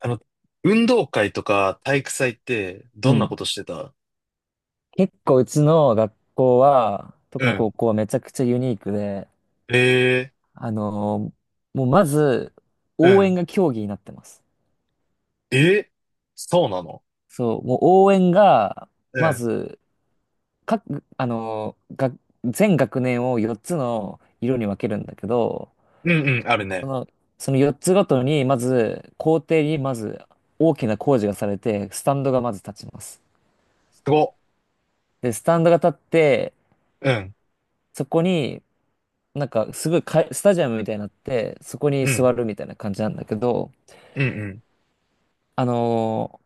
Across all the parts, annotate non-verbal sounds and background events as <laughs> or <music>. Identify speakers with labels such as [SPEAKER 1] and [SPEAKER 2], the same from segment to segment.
[SPEAKER 1] あの、運動会とか体育祭って
[SPEAKER 2] う
[SPEAKER 1] どんなこ
[SPEAKER 2] ん。
[SPEAKER 1] としてた？
[SPEAKER 2] 結構うちの学校は、
[SPEAKER 1] う
[SPEAKER 2] 特に高
[SPEAKER 1] ん。
[SPEAKER 2] 校はめちゃくちゃユニークで、
[SPEAKER 1] え
[SPEAKER 2] あのーもうまず、
[SPEAKER 1] ー、う
[SPEAKER 2] 応援
[SPEAKER 1] ん。
[SPEAKER 2] が競技になってます。
[SPEAKER 1] え？そうなの？
[SPEAKER 2] そう、もう応援が、
[SPEAKER 1] う
[SPEAKER 2] ま
[SPEAKER 1] ん。
[SPEAKER 2] ず、各、あのーが、全学年を4つの色に分けるんだけど、
[SPEAKER 1] うんうん、ある
[SPEAKER 2] そ
[SPEAKER 1] ね。
[SPEAKER 2] の、その4つごとに、まず、校庭にまず大きな工事がされて、スタンドがまず立ちます。
[SPEAKER 1] すご。
[SPEAKER 2] で、スタンドが立って、
[SPEAKER 1] うん。
[SPEAKER 2] そこになんかすごいかいスタジアムみたいになって、そこに
[SPEAKER 1] う
[SPEAKER 2] 座
[SPEAKER 1] ん。
[SPEAKER 2] るみたいな感じなんだけど、
[SPEAKER 1] うん。うん。
[SPEAKER 2] あのー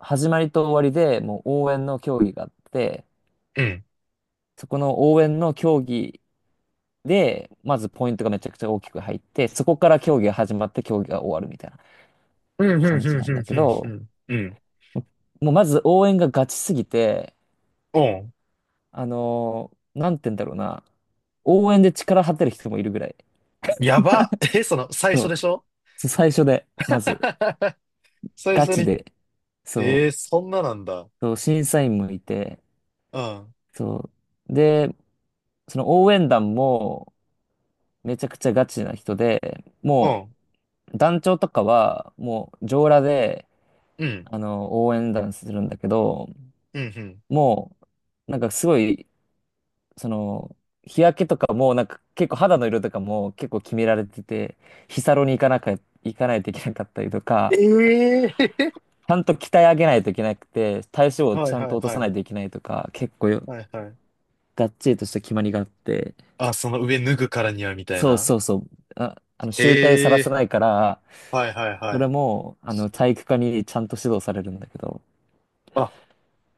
[SPEAKER 2] 始まりと終わりでもう応援の競技があって、
[SPEAKER 1] うん。
[SPEAKER 2] そこの応援の競技で、まずポイントがめちゃくちゃ大きく入って、そこから競技が始まって競技が終わるみたいな
[SPEAKER 1] うん。うん。う
[SPEAKER 2] 感
[SPEAKER 1] ん。
[SPEAKER 2] じなんだけ
[SPEAKER 1] うん。う
[SPEAKER 2] ど、
[SPEAKER 1] ん。うん。うん。
[SPEAKER 2] もうまず応援がガチすぎて、
[SPEAKER 1] おん。
[SPEAKER 2] なんて言うんだろうな、応援で力張ってる人もいるぐらい。
[SPEAKER 1] やば。<laughs> え、その、最
[SPEAKER 2] そ
[SPEAKER 1] 初
[SPEAKER 2] う、
[SPEAKER 1] でしょ？
[SPEAKER 2] そう最初で、まず、
[SPEAKER 1] <laughs> 最
[SPEAKER 2] ガ
[SPEAKER 1] 初
[SPEAKER 2] チ
[SPEAKER 1] に。
[SPEAKER 2] で、そ
[SPEAKER 1] え
[SPEAKER 2] う、
[SPEAKER 1] ー、そんななんだ。
[SPEAKER 2] そう審査員もいて、
[SPEAKER 1] うん。
[SPEAKER 2] そう。で、その応援団もめちゃくちゃガチな人で、
[SPEAKER 1] う
[SPEAKER 2] も
[SPEAKER 1] ん。
[SPEAKER 2] う団長とかはもう上裸で、
[SPEAKER 1] うん。
[SPEAKER 2] 応援団するんだけど、
[SPEAKER 1] うん。うん。
[SPEAKER 2] もう、なんかすごい、その、日焼けとかも、なんか結構肌の色とかも結構決められてて、日サロに行かなきゃ、行かないといけなかったりとか、
[SPEAKER 1] ええー。
[SPEAKER 2] ちゃんと鍛え上げないといけなくて、体脂肪
[SPEAKER 1] <laughs>
[SPEAKER 2] を
[SPEAKER 1] は
[SPEAKER 2] ち
[SPEAKER 1] い
[SPEAKER 2] ゃん
[SPEAKER 1] は
[SPEAKER 2] と
[SPEAKER 1] い
[SPEAKER 2] 落と
[SPEAKER 1] は
[SPEAKER 2] さな
[SPEAKER 1] い。
[SPEAKER 2] いといけないとか、結構
[SPEAKER 1] はいはい。
[SPEAKER 2] がっちりとした決まりがあって、
[SPEAKER 1] あ、その上脱ぐからにはみたい
[SPEAKER 2] そう
[SPEAKER 1] な。
[SPEAKER 2] そうそう。あ、醜態さらさ
[SPEAKER 1] ええ。
[SPEAKER 2] ないから、
[SPEAKER 1] はいはいは
[SPEAKER 2] それ
[SPEAKER 1] い。
[SPEAKER 2] も、体育科にちゃんと指導されるんだけど、
[SPEAKER 1] あ、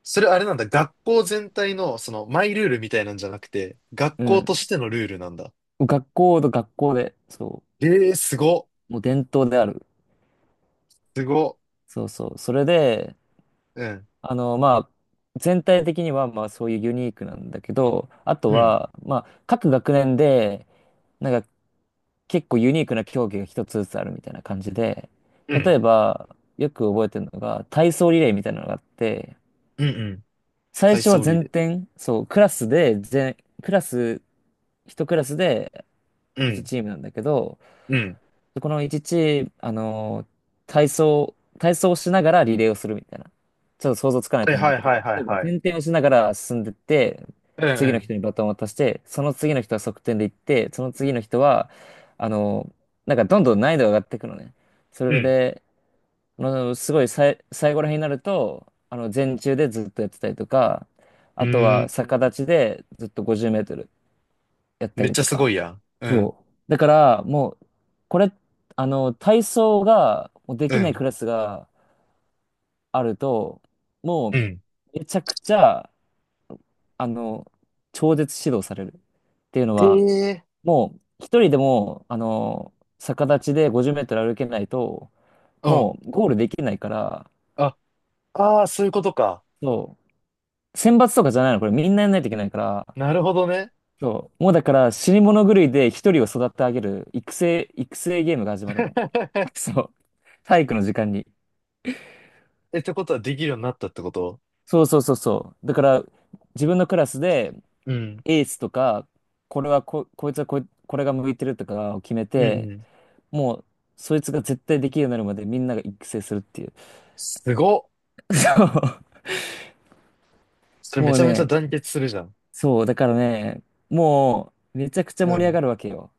[SPEAKER 1] それあれなんだ。学校全体の、その、マイルールみたいなんじゃなくて、学
[SPEAKER 2] う
[SPEAKER 1] 校
[SPEAKER 2] ん。
[SPEAKER 1] としてのルールなんだ。
[SPEAKER 2] 学校と学校で、そ
[SPEAKER 1] ええー、すごっ。
[SPEAKER 2] う、もう伝統である。
[SPEAKER 1] すごっ。
[SPEAKER 2] そうそう。それで、
[SPEAKER 1] うん。
[SPEAKER 2] まあ、全体的には、まあ、そういうユニークなんだけど、あと
[SPEAKER 1] うん。
[SPEAKER 2] は、まあ、各学年で、なんか、結構ユニークな競技が一つずつあるみたいな感じで、
[SPEAKER 1] う
[SPEAKER 2] 例
[SPEAKER 1] ん。
[SPEAKER 2] えば、よく覚えてるのが、体操リレーみたいなのがあって、
[SPEAKER 1] うんうん。
[SPEAKER 2] 最
[SPEAKER 1] 体
[SPEAKER 2] 初は
[SPEAKER 1] 操リ
[SPEAKER 2] 全
[SPEAKER 1] レー。
[SPEAKER 2] 点、そう、クラスで、クラス、一クラスで
[SPEAKER 1] う
[SPEAKER 2] 1
[SPEAKER 1] ん。
[SPEAKER 2] チームなんだけど、
[SPEAKER 1] うん。
[SPEAKER 2] この1チーム、体操をしながらリレーをするみたいな。ちょっと想像つかない
[SPEAKER 1] はい
[SPEAKER 2] と思うん
[SPEAKER 1] は
[SPEAKER 2] だ
[SPEAKER 1] い
[SPEAKER 2] けど、
[SPEAKER 1] はいはい
[SPEAKER 2] 例えば
[SPEAKER 1] はい。
[SPEAKER 2] 前転をしながら進んでって、
[SPEAKER 1] う
[SPEAKER 2] 次の
[SPEAKER 1] ん
[SPEAKER 2] 人にバトンを渡して、その次の人は側転で行って、その次の人は、あのなんかどんどん難易度が上がっていくのね。そ
[SPEAKER 1] う
[SPEAKER 2] れ
[SPEAKER 1] ん。
[SPEAKER 2] で、すごいさい、最後ら辺になると、前中でずっとやってたりとか、
[SPEAKER 1] う
[SPEAKER 2] あ
[SPEAKER 1] ん。う
[SPEAKER 2] と
[SPEAKER 1] ー
[SPEAKER 2] は
[SPEAKER 1] ん。
[SPEAKER 2] 逆立ちでずっと50メートルやった
[SPEAKER 1] めっ
[SPEAKER 2] り
[SPEAKER 1] ちゃ
[SPEAKER 2] と
[SPEAKER 1] す
[SPEAKER 2] か。
[SPEAKER 1] ごいやん。うん。
[SPEAKER 2] そう。だから、もう、これ、体操がもうで
[SPEAKER 1] う
[SPEAKER 2] きない
[SPEAKER 1] ん。
[SPEAKER 2] クラスがあると、も
[SPEAKER 1] う
[SPEAKER 2] う、
[SPEAKER 1] ん。
[SPEAKER 2] めちゃくちゃ、あの、超絶指導されるっていうのは、
[SPEAKER 1] ええ
[SPEAKER 2] もう、一人でも、逆立ちで50メートル歩けないと、
[SPEAKER 1] ー。う
[SPEAKER 2] も
[SPEAKER 1] ん。
[SPEAKER 2] う、ゴールできないから、
[SPEAKER 1] あ、ああ、そういうことか。
[SPEAKER 2] そう選抜とかじゃないの、これみんなやんないといけないから、
[SPEAKER 1] なるほどね。
[SPEAKER 2] そう、もうだから死に物狂いで一人を育て上げる育成ゲームが始まるの。<laughs>
[SPEAKER 1] <laughs>
[SPEAKER 2] そう。体育の時間に。
[SPEAKER 1] え、ってことはできるようになったってこと？
[SPEAKER 2] そうそうそうそう。だから自分のクラスで
[SPEAKER 1] うん。
[SPEAKER 2] エースとか、これはこ、こいつはこい、これが向いてるとかを決め
[SPEAKER 1] うん
[SPEAKER 2] て、
[SPEAKER 1] うん。
[SPEAKER 2] もうそいつが絶対できるようになるまでみんなが育成するっていう。
[SPEAKER 1] すごっ。
[SPEAKER 2] <laughs> そう。
[SPEAKER 1] それめ
[SPEAKER 2] もう
[SPEAKER 1] ちゃめちゃ
[SPEAKER 2] ね、
[SPEAKER 1] 団結するじゃん。
[SPEAKER 2] そう、だからね、もうめちゃくちゃ
[SPEAKER 1] う
[SPEAKER 2] 盛り上
[SPEAKER 1] ん。
[SPEAKER 2] がるわけよ。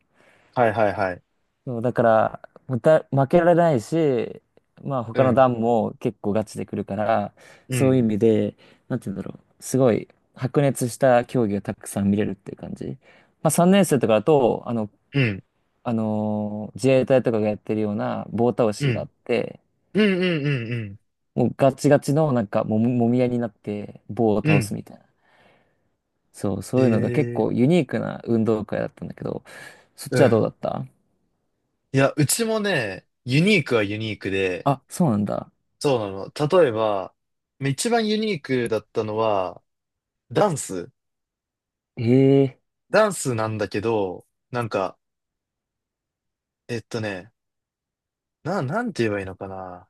[SPEAKER 1] はいはいはい。
[SPEAKER 2] そう、だから、負けられないし、まあ
[SPEAKER 1] う
[SPEAKER 2] 他の
[SPEAKER 1] ん、
[SPEAKER 2] 段も結構ガチで来るから、
[SPEAKER 1] う
[SPEAKER 2] そういう
[SPEAKER 1] ん、
[SPEAKER 2] 意味で、なんて言うんだろう、すごい白熱した競技がたくさん見れるっていう感じ。まあ3年生とかだと、
[SPEAKER 1] うん、
[SPEAKER 2] 自衛隊とかがやってるような棒倒
[SPEAKER 1] う
[SPEAKER 2] しがあ
[SPEAKER 1] ん、
[SPEAKER 2] って、
[SPEAKER 1] うん、うん、うん、うん。
[SPEAKER 2] もうガチガチのなんかもみ合いになって棒を
[SPEAKER 1] う
[SPEAKER 2] 倒す
[SPEAKER 1] ん。
[SPEAKER 2] みたいな。そう、そ
[SPEAKER 1] へ
[SPEAKER 2] ういうのが結
[SPEAKER 1] え、
[SPEAKER 2] 構ユニークな運動会だったんだけど、そっ
[SPEAKER 1] う
[SPEAKER 2] ちはどうだ
[SPEAKER 1] ん。
[SPEAKER 2] った？
[SPEAKER 1] いや、うちもね、ユニークはユニークで、
[SPEAKER 2] あ、そうなんだ。
[SPEAKER 1] そうなの。例えば、一番ユニークだったのは、ダンス。
[SPEAKER 2] え
[SPEAKER 1] ダンスなんだけど、なんか、えっとね、なんて言えばいいのかな。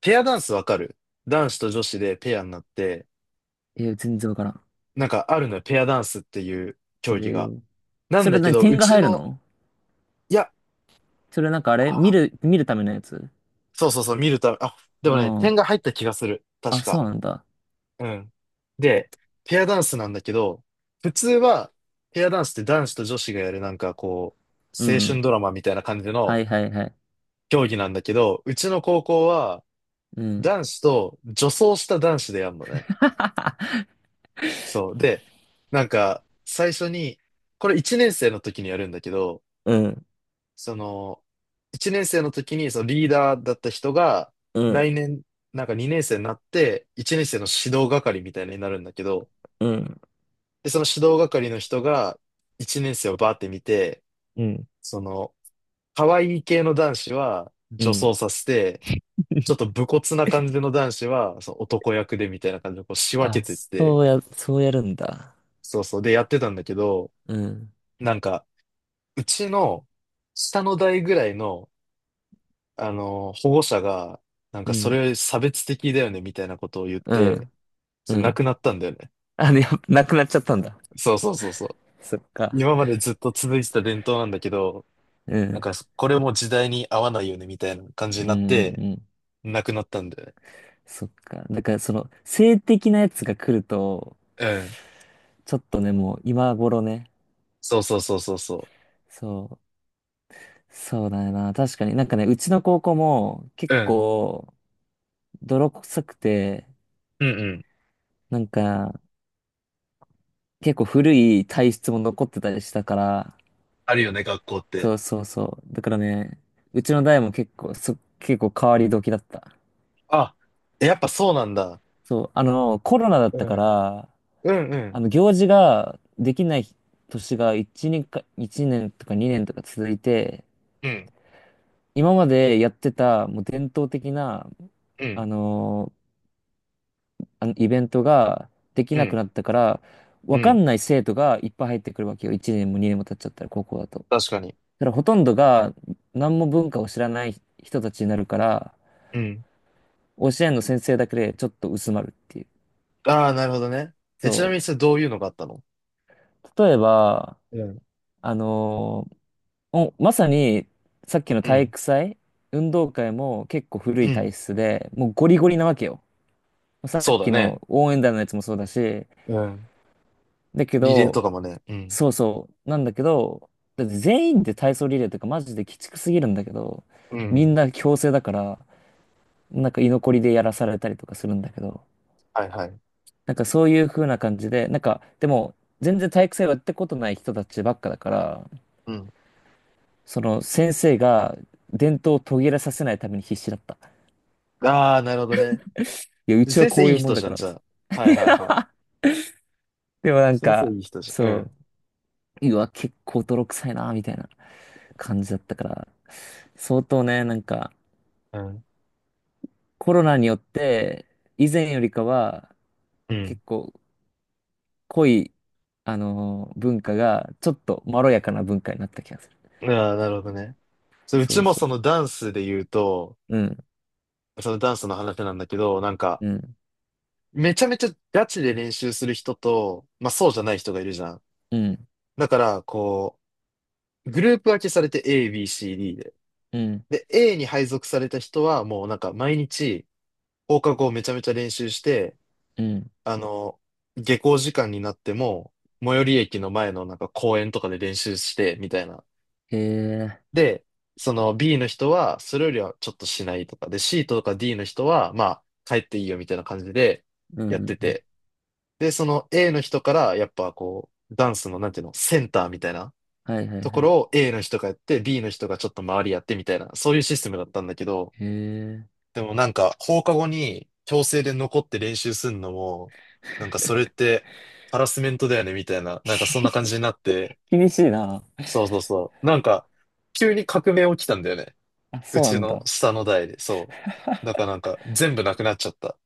[SPEAKER 1] ペアダンスわかる？男子と女子でペアになって、
[SPEAKER 2] ええ全然わからん。
[SPEAKER 1] なんかあるのよ、ペアダンスっていう
[SPEAKER 2] え
[SPEAKER 1] 競技が。
[SPEAKER 2] ー、
[SPEAKER 1] な
[SPEAKER 2] そ
[SPEAKER 1] ん
[SPEAKER 2] れ
[SPEAKER 1] だけ
[SPEAKER 2] 何
[SPEAKER 1] ど、う
[SPEAKER 2] 点が
[SPEAKER 1] ち
[SPEAKER 2] 入る
[SPEAKER 1] の、
[SPEAKER 2] の？
[SPEAKER 1] いや
[SPEAKER 2] それなんかあれ見
[SPEAKER 1] あ、
[SPEAKER 2] る、見るためのやつ？
[SPEAKER 1] そうそうそう、見るた、あ、で
[SPEAKER 2] う
[SPEAKER 1] もね、点
[SPEAKER 2] ん。
[SPEAKER 1] が入った気がする。
[SPEAKER 2] あ、
[SPEAKER 1] 確
[SPEAKER 2] そ
[SPEAKER 1] か。
[SPEAKER 2] うなんだ。
[SPEAKER 1] うん。で、ペアダンスなんだけど、普通は、ペアダンスって男子と女子がやるなんかこ
[SPEAKER 2] う
[SPEAKER 1] う、青春
[SPEAKER 2] ん。
[SPEAKER 1] ドラマみたいな感じ
[SPEAKER 2] は
[SPEAKER 1] の
[SPEAKER 2] いはいはい。
[SPEAKER 1] 競技なんだけど、うちの高校は、
[SPEAKER 2] うん。
[SPEAKER 1] 男子と女装した男子でやるのね。そう。で、なんか、最初に、これ1年生の時にやるんだけど、
[SPEAKER 2] うん、
[SPEAKER 1] その、1年生の時にそのリーダーだった人が、
[SPEAKER 2] うん、
[SPEAKER 1] 来年、なんか2年生になって、1年生の指導係みたいになるんだけど、
[SPEAKER 2] うん、
[SPEAKER 1] で、その指導係の人が、1年生をバーって見て、
[SPEAKER 2] うん、
[SPEAKER 1] その、可愛い系の男子は
[SPEAKER 2] う
[SPEAKER 1] 女
[SPEAKER 2] ん。
[SPEAKER 1] 装させて、ちょっと
[SPEAKER 2] <laughs>
[SPEAKER 1] 武骨な感じの男子は、その男役でみたいな感じでこう仕分け
[SPEAKER 2] あ、
[SPEAKER 1] てって、
[SPEAKER 2] そうや、そうやるんだ。
[SPEAKER 1] そうそう、でやってたんだけど、
[SPEAKER 2] うん、
[SPEAKER 1] なんか、うちの下の代ぐらいの保護者が、なん
[SPEAKER 2] う
[SPEAKER 1] かそ
[SPEAKER 2] ん、
[SPEAKER 1] れ差別的だよねみたいなことを言っ
[SPEAKER 2] う
[SPEAKER 1] て、
[SPEAKER 2] ん、
[SPEAKER 1] そ
[SPEAKER 2] う
[SPEAKER 1] れなく
[SPEAKER 2] ん。
[SPEAKER 1] なったんだよね。
[SPEAKER 2] あ、で、やっぱなくなっちゃったんだ。
[SPEAKER 1] そうそうそうそう。
[SPEAKER 2] そっか。
[SPEAKER 1] 今までずっと続いてた伝統なんだけど、
[SPEAKER 2] う
[SPEAKER 1] なん
[SPEAKER 2] ん、
[SPEAKER 1] かそこれも時代に合わないよねみたいな感じに
[SPEAKER 2] う
[SPEAKER 1] なっ
[SPEAKER 2] ん、
[SPEAKER 1] て、
[SPEAKER 2] うん。
[SPEAKER 1] なくなったんだよね。
[SPEAKER 2] そっか。だから、その、性的なやつが来ると、
[SPEAKER 1] うん。
[SPEAKER 2] ちょっとね、もう今頃ね、
[SPEAKER 1] そうそうそうそうそ
[SPEAKER 2] そう。そうだよな。確かになんかね、うちの高校も
[SPEAKER 1] う。
[SPEAKER 2] 結
[SPEAKER 1] うん。
[SPEAKER 2] 構泥臭くて、
[SPEAKER 1] うんうん。
[SPEAKER 2] なんか結構古い体質も残ってたりしたから、
[SPEAKER 1] あるよね、学校って。
[SPEAKER 2] そうそうそう。だからね、うちの代も結構変わり時だった。
[SPEAKER 1] あ、やっぱそうなんだ。
[SPEAKER 2] そう、コロナだっ
[SPEAKER 1] う
[SPEAKER 2] た
[SPEAKER 1] ん。
[SPEAKER 2] から、
[SPEAKER 1] うんうん。
[SPEAKER 2] 行事ができない年が1年とか2年とか続いて、
[SPEAKER 1] うん。
[SPEAKER 2] 今までやってたもう伝統的な、
[SPEAKER 1] うん。
[SPEAKER 2] あのイベントができ
[SPEAKER 1] う
[SPEAKER 2] なく
[SPEAKER 1] ん。
[SPEAKER 2] なったから、
[SPEAKER 1] う
[SPEAKER 2] わか
[SPEAKER 1] ん。
[SPEAKER 2] んない生徒がいっぱい入ってくるわけよ。1年も2年も経っちゃったら、高校だと。だ
[SPEAKER 1] 確かに。
[SPEAKER 2] からほとんどが何も文化を知らない人たちになるから、
[SPEAKER 1] うん。
[SPEAKER 2] 教えんの先生だけでちょっと薄まるっていう。
[SPEAKER 1] ああ、なるほどね。え、ちなみ
[SPEAKER 2] そ
[SPEAKER 1] にそれどういうのがあったの？
[SPEAKER 2] う。例えば、
[SPEAKER 1] うん。
[SPEAKER 2] あのーまさにさっきの
[SPEAKER 1] う
[SPEAKER 2] 体
[SPEAKER 1] ん。
[SPEAKER 2] 育祭、運動会も結構古
[SPEAKER 1] う
[SPEAKER 2] い
[SPEAKER 1] ん。
[SPEAKER 2] 体質で、もうゴリゴリなわけよ。さ
[SPEAKER 1] そう
[SPEAKER 2] っ
[SPEAKER 1] だ
[SPEAKER 2] き
[SPEAKER 1] ね。
[SPEAKER 2] の応援団のやつもそうだし、
[SPEAKER 1] うん。
[SPEAKER 2] だけ
[SPEAKER 1] リレーと
[SPEAKER 2] ど、
[SPEAKER 1] かもね。うん。
[SPEAKER 2] そうそう。なんだけど、だって全員で体操リレーとかマジで鬼畜すぎるんだけど、
[SPEAKER 1] う
[SPEAKER 2] みん
[SPEAKER 1] ん。
[SPEAKER 2] な強制だから、なんか居残りでやらされたりとかするんだけど、
[SPEAKER 1] はいはい。
[SPEAKER 2] なんかそういう風な感じで、なんかでも全然体育祭をやったことない人たちばっかだから、
[SPEAKER 1] うん。
[SPEAKER 2] その先生が伝統を途切れさせないために必死だった。
[SPEAKER 1] ああ、なるほどね。
[SPEAKER 2] いや、うちは
[SPEAKER 1] 先生
[SPEAKER 2] こうい
[SPEAKER 1] いい
[SPEAKER 2] うも
[SPEAKER 1] 人
[SPEAKER 2] んだ
[SPEAKER 1] じゃ
[SPEAKER 2] か
[SPEAKER 1] ん、
[SPEAKER 2] ら。
[SPEAKER 1] じゃ
[SPEAKER 2] つっ
[SPEAKER 1] あ。はい
[SPEAKER 2] て
[SPEAKER 1] はいはい。
[SPEAKER 2] <laughs> でもなん
[SPEAKER 1] 先生
[SPEAKER 2] か、
[SPEAKER 1] いい人じゃん。
[SPEAKER 2] そう、
[SPEAKER 1] う
[SPEAKER 2] うわ、結構泥臭いな、みたいな感じだったから、相当ね、なんか、
[SPEAKER 1] ん。
[SPEAKER 2] コロナによって、以前よりかは、
[SPEAKER 1] うん。
[SPEAKER 2] 結構濃い、文化が、ちょっとまろやかな文化になった気がする。
[SPEAKER 1] うん。ああ、なるほどね。そう、う
[SPEAKER 2] そ
[SPEAKER 1] ち
[SPEAKER 2] う
[SPEAKER 1] も
[SPEAKER 2] そ
[SPEAKER 1] そのダンスで言うと、
[SPEAKER 2] う。うん、
[SPEAKER 1] そのダンスの話なんだけど、なんか、
[SPEAKER 2] うん、
[SPEAKER 1] めちゃめちゃガチで練習する人と、まあそうじゃない人がいるじゃん。
[SPEAKER 2] うん、
[SPEAKER 1] だから、こう、グループ分けされて A、B、C、D で。
[SPEAKER 2] うん、
[SPEAKER 1] で、A に配属された人はもうなんか毎日放課後めちゃめちゃ練習して、
[SPEAKER 2] うん。
[SPEAKER 1] あの、下校時間になっても、最寄り駅の前のなんか公園とかで練習して、みたいな。
[SPEAKER 2] へえ、
[SPEAKER 1] で、その B の人は、それよりはちょっとしないとか、で、C とか D の人は、まあ、帰っていいよみたいな感じで
[SPEAKER 2] うん、う
[SPEAKER 1] やって
[SPEAKER 2] んうん。
[SPEAKER 1] て。で、その A の人から、やっぱこう、ダンスの、なんていうの、センターみたいな
[SPEAKER 2] はいはい
[SPEAKER 1] とこ
[SPEAKER 2] はい。
[SPEAKER 1] ろを A の人がやって、B の人がちょっと周りやってみたいな、そういうシステムだったんだけど、
[SPEAKER 2] へえ。
[SPEAKER 1] でもなんか放課後に強制で残って練習するのも、なんかそれってハラスメントだよねみたいな、なんかそんな感じになって、
[SPEAKER 2] 厳しいな。
[SPEAKER 1] そうそうそう。なんか急に革命起きたんだよね。
[SPEAKER 2] あ、
[SPEAKER 1] う
[SPEAKER 2] そうな
[SPEAKER 1] ち
[SPEAKER 2] ん
[SPEAKER 1] の
[SPEAKER 2] だ。
[SPEAKER 1] 下の代で、そう。だからなんか全部なくなっちゃった。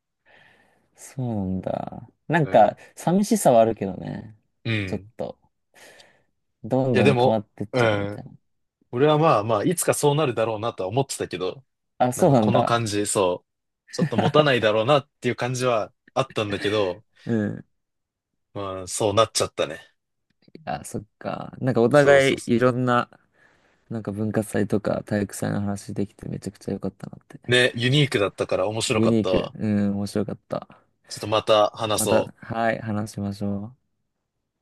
[SPEAKER 2] そうなんだ。なん
[SPEAKER 1] う
[SPEAKER 2] か、
[SPEAKER 1] ん。
[SPEAKER 2] 寂しさはあるけどね。
[SPEAKER 1] う
[SPEAKER 2] ちょっ
[SPEAKER 1] ん。
[SPEAKER 2] と、ど
[SPEAKER 1] い
[SPEAKER 2] ん
[SPEAKER 1] や
[SPEAKER 2] ど
[SPEAKER 1] で
[SPEAKER 2] ん変わ
[SPEAKER 1] も、
[SPEAKER 2] ってっ
[SPEAKER 1] う
[SPEAKER 2] ちゃうみた
[SPEAKER 1] ん。
[SPEAKER 2] いな。
[SPEAKER 1] 俺はまあまあ、いつかそうなるだろうなとは思ってたけど、
[SPEAKER 2] あ、
[SPEAKER 1] なん
[SPEAKER 2] そう
[SPEAKER 1] か
[SPEAKER 2] なん
[SPEAKER 1] この
[SPEAKER 2] だ。
[SPEAKER 1] 感じ、そう。ちょっと持たないだろうなっていう感じはあったんだけど、
[SPEAKER 2] うん。
[SPEAKER 1] まあそうなっちゃったね。
[SPEAKER 2] あ、そっか。なんかお
[SPEAKER 1] そう
[SPEAKER 2] 互
[SPEAKER 1] そう
[SPEAKER 2] い
[SPEAKER 1] そ
[SPEAKER 2] い
[SPEAKER 1] う。
[SPEAKER 2] ろんななんか文化祭とか体育祭の話できてめちゃくちゃ良かったなって。
[SPEAKER 1] ね、ユニークだったから面白
[SPEAKER 2] ユ
[SPEAKER 1] かっ
[SPEAKER 2] ニー
[SPEAKER 1] た
[SPEAKER 2] ク。
[SPEAKER 1] わ。
[SPEAKER 2] うん、面白かった。
[SPEAKER 1] ちょっとまた話
[SPEAKER 2] ま
[SPEAKER 1] そ
[SPEAKER 2] た、
[SPEAKER 1] う。
[SPEAKER 2] はい、話しましょう。